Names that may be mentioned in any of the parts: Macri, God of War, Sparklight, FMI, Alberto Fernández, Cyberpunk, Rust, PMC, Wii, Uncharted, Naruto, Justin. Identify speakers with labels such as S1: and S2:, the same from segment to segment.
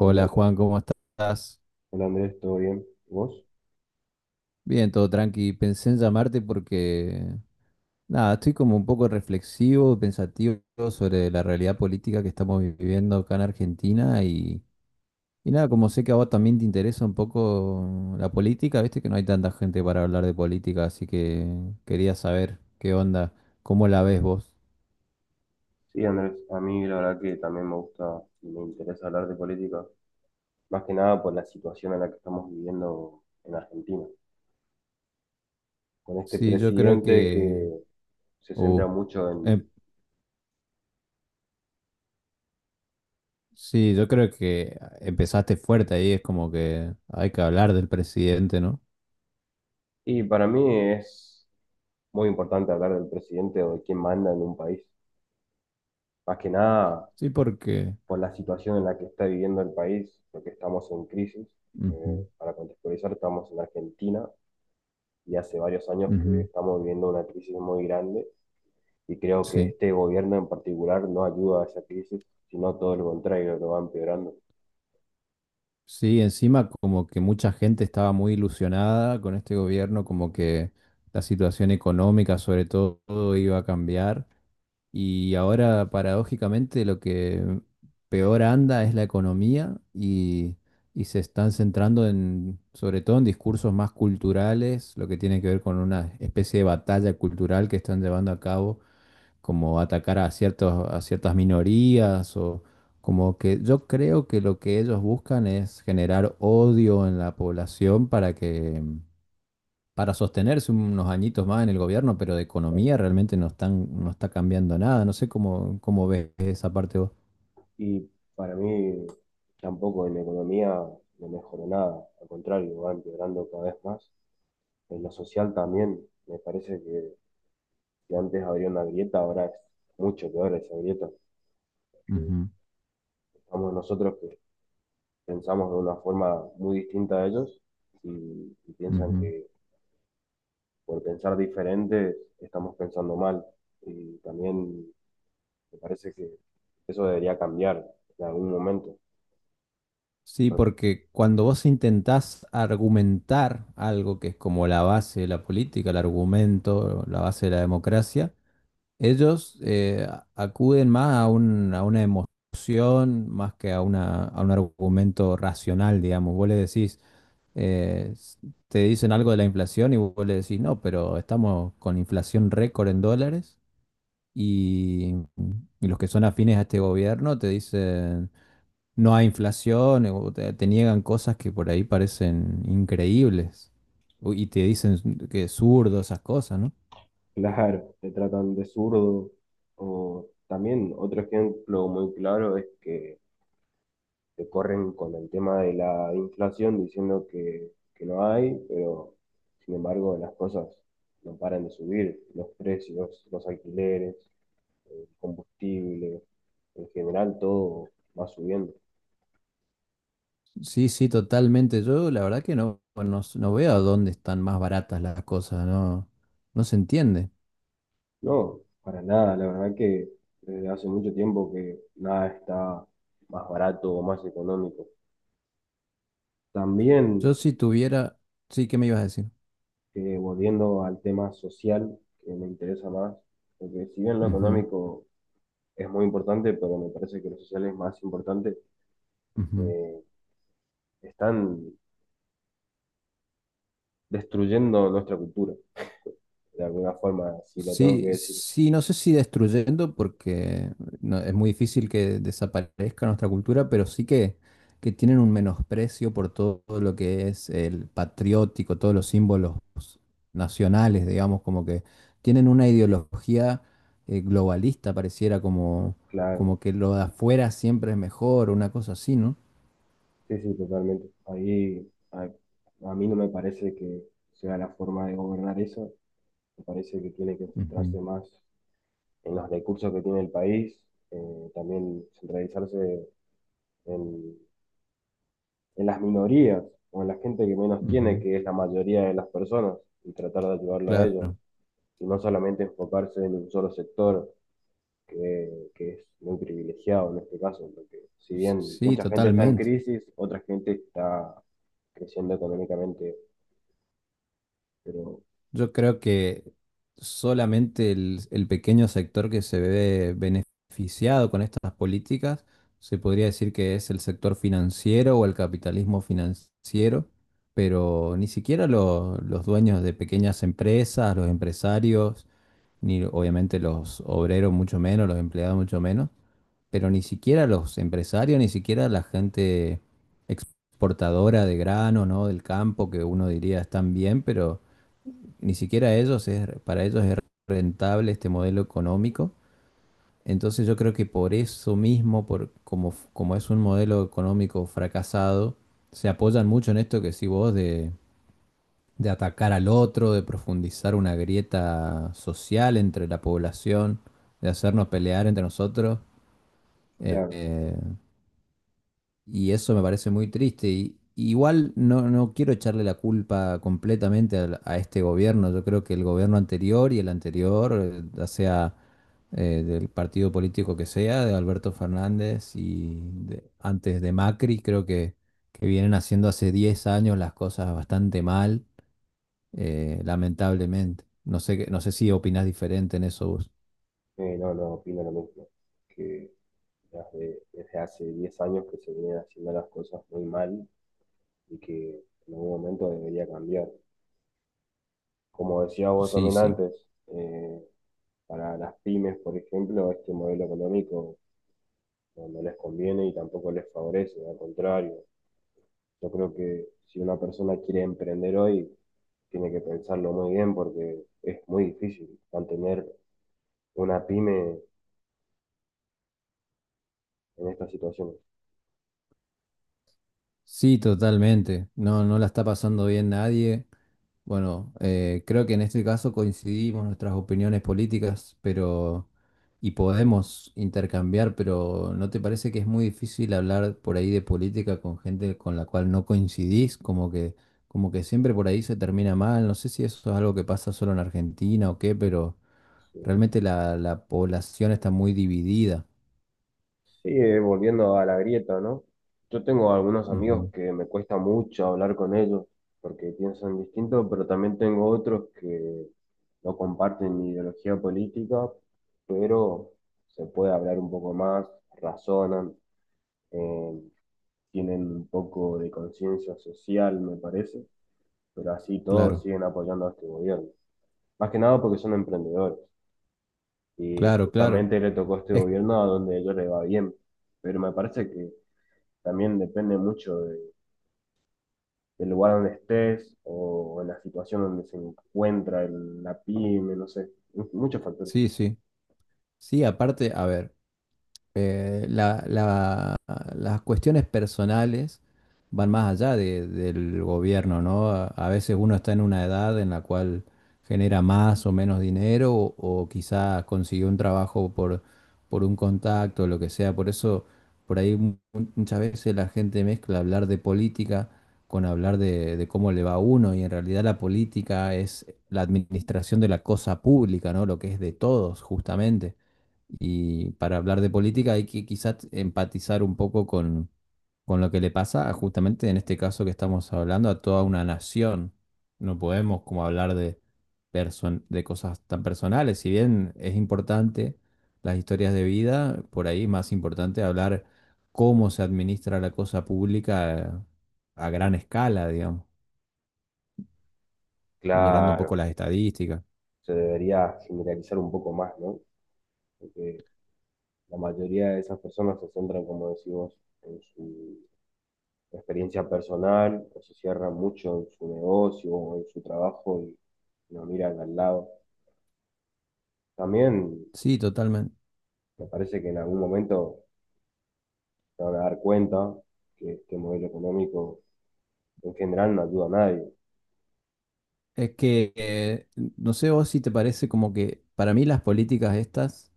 S1: Hola, Andrés.
S2: Juan, ¿cómo estás?
S1: ¿Todo bien? ¿Vos?
S2: Bien, todo tranqui. Pensé en llamarte nada, estoy como un poco reflexivo, pensativo sobre la realidad política que estamos viviendo acá en Argentina y nada, como sé que a vos también te interesa un poco la política, viste que no hay tanta gente para hablar de política, así que quería saber qué onda, cómo la ves vos.
S1: Sí, Andrés, a mí la verdad que también me gusta y me interesa hablar de política, más que nada por la situación en la que estamos viviendo en Argentina, con este
S2: Sí, yo creo
S1: presidente
S2: que...
S1: que se
S2: uh,
S1: centra mucho en...
S2: em- sí, yo creo que empezaste fuerte ahí, es como que hay que hablar del presidente, ¿no?
S1: Y para mí es muy importante hablar del presidente o de quién manda en un país, más que nada
S2: Sí, porque...
S1: por la situación en la que está viviendo el país, porque estamos en crisis.
S2: ujú,
S1: Para contextualizar, estamos en Argentina y hace varios años que
S2: ujú,
S1: estamos viviendo una crisis muy grande, y creo que
S2: sí,
S1: este gobierno en particular no ayuda a esa crisis, sino todo lo contrario, lo va empeorando.
S2: sí, encima como que mucha gente estaba muy ilusionada con este gobierno, como que la situación económica sobre todo iba a cambiar y ahora paradójicamente lo que peor anda es la economía y se están centrando sobre todo en discursos más culturales, lo que tiene que ver con una especie de batalla cultural que están llevando a cabo como atacar a a ciertas minorías o como que yo creo que lo que ellos buscan es generar odio en la población para sostenerse unos añitos más en el gobierno, pero de economía realmente no está cambiando nada. No sé cómo ves esa parte vos.
S1: Y para mí tampoco en la economía no mejoró nada, al contrario, va empeorando cada vez más. En lo social también, me parece que antes había una grieta, ahora es mucho peor esa grieta, porque
S2: Ujú,
S1: estamos nosotros que pensamos de una forma muy distinta a ellos y, y piensan
S2: ujú.
S1: que por pensar diferente estamos pensando mal. Y también me parece que eso debería cambiar en algún momento.
S2: Sí,
S1: Pero
S2: porque cuando vos intentás argumentar algo que es como la base de la política, el argumento, la base de la democracia, ellos acuden más a a una emoción, más que a a un argumento racional, digamos. Vos le decís, eh, s- te dicen algo de la inflación y vos le decís, no, pero estamos con inflación récord en dólares y, y los que son afines a este gobierno te dicen, no hay inflación, o te niegan cosas que por ahí parecen increíbles y te dicen que es zurdo esas cosas, ¿no?
S1: claro, te tratan de zurdo. O también otro ejemplo muy claro es que te corren con el tema de la inflación diciendo que no hay, pero sin embargo las cosas no paran de subir, los precios, los alquileres, el combustible, en general todo va subiendo.
S2: Sí, sí, totalmente. Yo la verdad que no veo a dónde están más baratas las cosas, no se entiende.
S1: No, para nada, la verdad que desde hace mucho tiempo que nada está más barato o más económico. También,
S2: Yo si tuviera, sí, ¿qué me ibas a decir?
S1: volviendo al tema social, que me interesa más, porque si bien lo
S2: Ujú,
S1: económico es muy importante, pero me parece que lo social es más importante,
S2: ujú.
S1: eh, están destruyendo nuestra cultura, de alguna forma, si lo tengo
S2: Sí,
S1: que decir,
S2: sí, no sé si destruyendo, porque es muy difícil que desaparezca nuestra cultura, pero sí que tienen un menosprecio por todo lo que es el patriótico, todos los símbolos nacionales, digamos, como que tienen una ideología globalista, pareciera como,
S1: claro.
S2: como que lo de afuera siempre es mejor, una cosa así, ¿no?
S1: Sí, sí, totalmente. Ahí, a mí no me parece que sea la forma de gobernar eso. Me parece que tiene que centrarse
S2: Ujú,
S1: más en los recursos que tiene el país, también centralizarse en, en las minorías o en la gente que menos tiene,
S2: ujú,
S1: que es la mayoría de las personas, y tratar de ayudarlo a ellos,
S2: claro,
S1: y no solamente enfocarse en un solo sector que es muy privilegiado en este caso, porque si bien
S2: sí,
S1: mucha gente está en
S2: totalmente.
S1: crisis, otra gente está creciendo económicamente, pero
S2: Yo creo que solamente el pequeño sector que se ve beneficiado con estas políticas se podría decir que es el sector financiero o el capitalismo financiero, pero ni siquiera los dueños de pequeñas empresas, los empresarios, ni obviamente los obreros mucho menos, los empleados mucho menos, pero ni siquiera los empresarios, ni siquiera la gente exportadora de grano, ¿no? Del campo, que uno diría están bien, pero ni siquiera para ellos es rentable este modelo económico. Entonces yo creo que por eso mismo, como es un modelo económico fracasado, se apoyan mucho en esto que sí vos de atacar al otro, de profundizar una grieta social entre la población, de hacernos pelear entre nosotros. Eh,
S1: claro.
S2: eh, Y eso me parece muy triste. Y, igual no quiero echarle la culpa completamente este gobierno. Yo creo que el gobierno anterior y el anterior, ya sea del partido político que sea, de Alberto Fernández y antes de Macri, creo que vienen haciendo hace 10 años las cosas bastante mal, lamentablemente. No sé, no sé si opinás diferente en eso vos.
S1: No opino lo mismo, que desde, desde hace 10 años que se vienen haciendo las cosas muy mal y que en algún momento debería cambiar. Como decía vos
S2: Sí,
S1: también
S2: sí.
S1: antes, para las pymes, por ejemplo, este modelo económico no les conviene y tampoco les favorece, al contrario. Yo creo que si una persona quiere emprender hoy, tiene que pensarlo muy bien porque es muy difícil mantener una pyme en estas situaciones.
S2: Sí, totalmente. No la está pasando bien nadie. Bueno, creo que en este caso coincidimos nuestras opiniones políticas, y podemos intercambiar, pero ¿no te parece que es muy difícil hablar por ahí de política con gente con la cual no coincidís? Como que siempre por ahí se termina mal. No sé si eso es algo que pasa solo en Argentina o qué, pero
S1: Sí.
S2: realmente la población está muy dividida.
S1: Sí, volviendo a la grieta, ¿no? Yo tengo algunos amigos
S2: Ujú,
S1: que me cuesta mucho hablar con ellos porque piensan distinto, pero también tengo otros que no comparten mi ideología política, pero se puede hablar un poco más, razonan, eh, tienen un poco de conciencia social, me parece, pero así todos
S2: claro,
S1: siguen apoyando a este gobierno. Más que nada porque son emprendedores. Y
S2: claro, claro.
S1: justamente le tocó a este
S2: Es,
S1: gobierno a donde a ellos les va bien. Pero me parece que también depende mucho del lugar donde estés o en la situación donde se encuentra la pyme, no sé, muchos factores.
S2: sí, sí. Sí, aparte, a ver, eh, la- la- las cuestiones personales van más allá del gobierno, ¿no? A veces uno está en una edad en la cual genera más o menos dinero o quizá consiguió un trabajo por un contacto, lo que sea. Por eso, por ahí mu- muchas veces la gente mezcla hablar de política con hablar de cómo le va a uno y en realidad la política es la administración de la cosa pública, ¿no? Lo que es de todos, justamente. Y para hablar de política hay que quizás empatizar un poco con lo que le pasa a, justamente en este caso que estamos hablando a toda una nación. No podemos como hablar de, de cosas tan personales. Si bien es importante las historias de vida, por ahí es más importante hablar cómo se administra la cosa pública a gran escala, digamos, mirando un poco
S1: Claro,
S2: las estadísticas.
S1: se debería generalizar un poco más, ¿no? Porque la mayoría de esas personas se centran, como decimos, en su experiencia personal, o se cierran mucho en su negocio o en su trabajo y no miran al lado. También
S2: Sí, totalmente.
S1: me parece que en algún momento se van a dar cuenta que este modelo económico en general no ayuda a nadie.
S2: Es que, no sé vos si te parece como que para mí las políticas estas,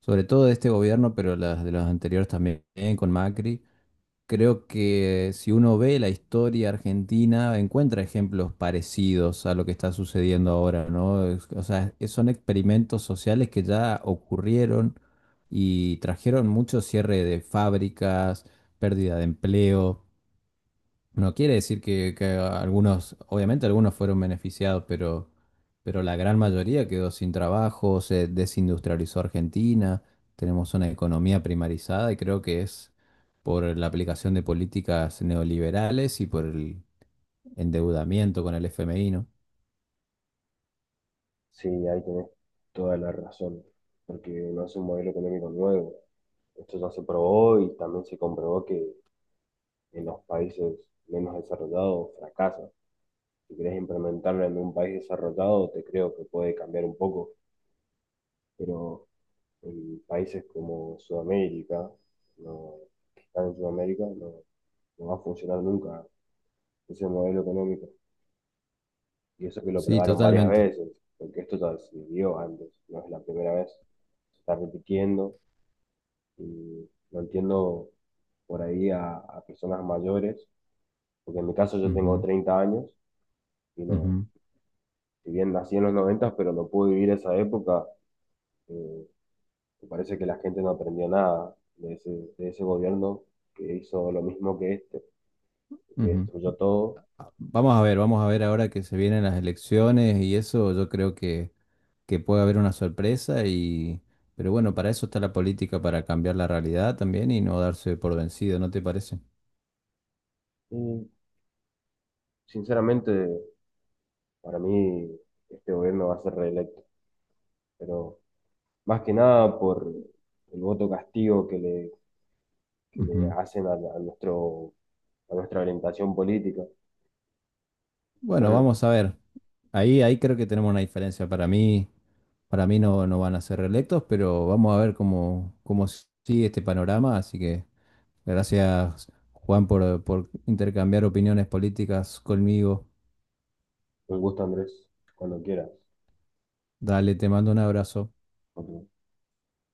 S2: sobre todo de este gobierno, pero las de los anteriores también, con Macri, creo que si uno ve la historia argentina, encuentra ejemplos parecidos a lo que está sucediendo ahora, ¿no? O sea, son experimentos sociales que ya ocurrieron y trajeron mucho cierre de fábricas, pérdida de empleo. No quiere decir que algunos, obviamente algunos fueron beneficiados, pero la gran mayoría quedó sin trabajo, se desindustrializó Argentina, tenemos una economía primarizada y creo que es por la aplicación de políticas neoliberales y por el endeudamiento con el FMI, ¿no?
S1: Sí, ahí tenés toda la razón, porque no es un modelo económico nuevo. Esto ya se probó y también se comprobó que en los países menos desarrollados fracasa. Si querés implementarlo en un país desarrollado, te creo que puede cambiar un poco, pero en países como Sudamérica, no, que están en Sudamérica, no, no va a funcionar nunca ese modelo económico. Y eso que lo
S2: Sí,
S1: probaron varias
S2: totalmente.
S1: veces, porque esto ya se vio antes, no es la primera vez, se está repitiendo. Y lo entiendo por ahí a personas mayores, porque en mi caso yo tengo
S2: Ujú,
S1: 30 años y no,
S2: ujú,
S1: si bien nací en los 90, pero no pude vivir esa época, eh, me parece que la gente no aprendió nada de ese, de ese gobierno que hizo lo mismo que este, que
S2: ujú.
S1: destruyó todo.
S2: Vamos a ver ahora que se vienen las elecciones y eso, yo creo que puede haber una sorpresa pero bueno, para eso está la política, para cambiar la realidad también y no darse por vencido, ¿no te parece?
S1: Y sinceramente, para mí este gobierno va a ser reelecto, pero más que nada por el voto castigo que le
S2: Ujú.
S1: hacen a nuestro, a nuestra orientación política.
S2: Bueno,
S1: Bueno,
S2: vamos a ver. Ahí creo que tenemos una diferencia. Para mí no van a ser reelectos, pero vamos a ver cómo sigue este panorama. Así que gracias, Juan, por intercambiar opiniones políticas conmigo.
S1: un gusto, Andrés. Cuando quieras.
S2: Dale, te mando un abrazo.
S1: Ok.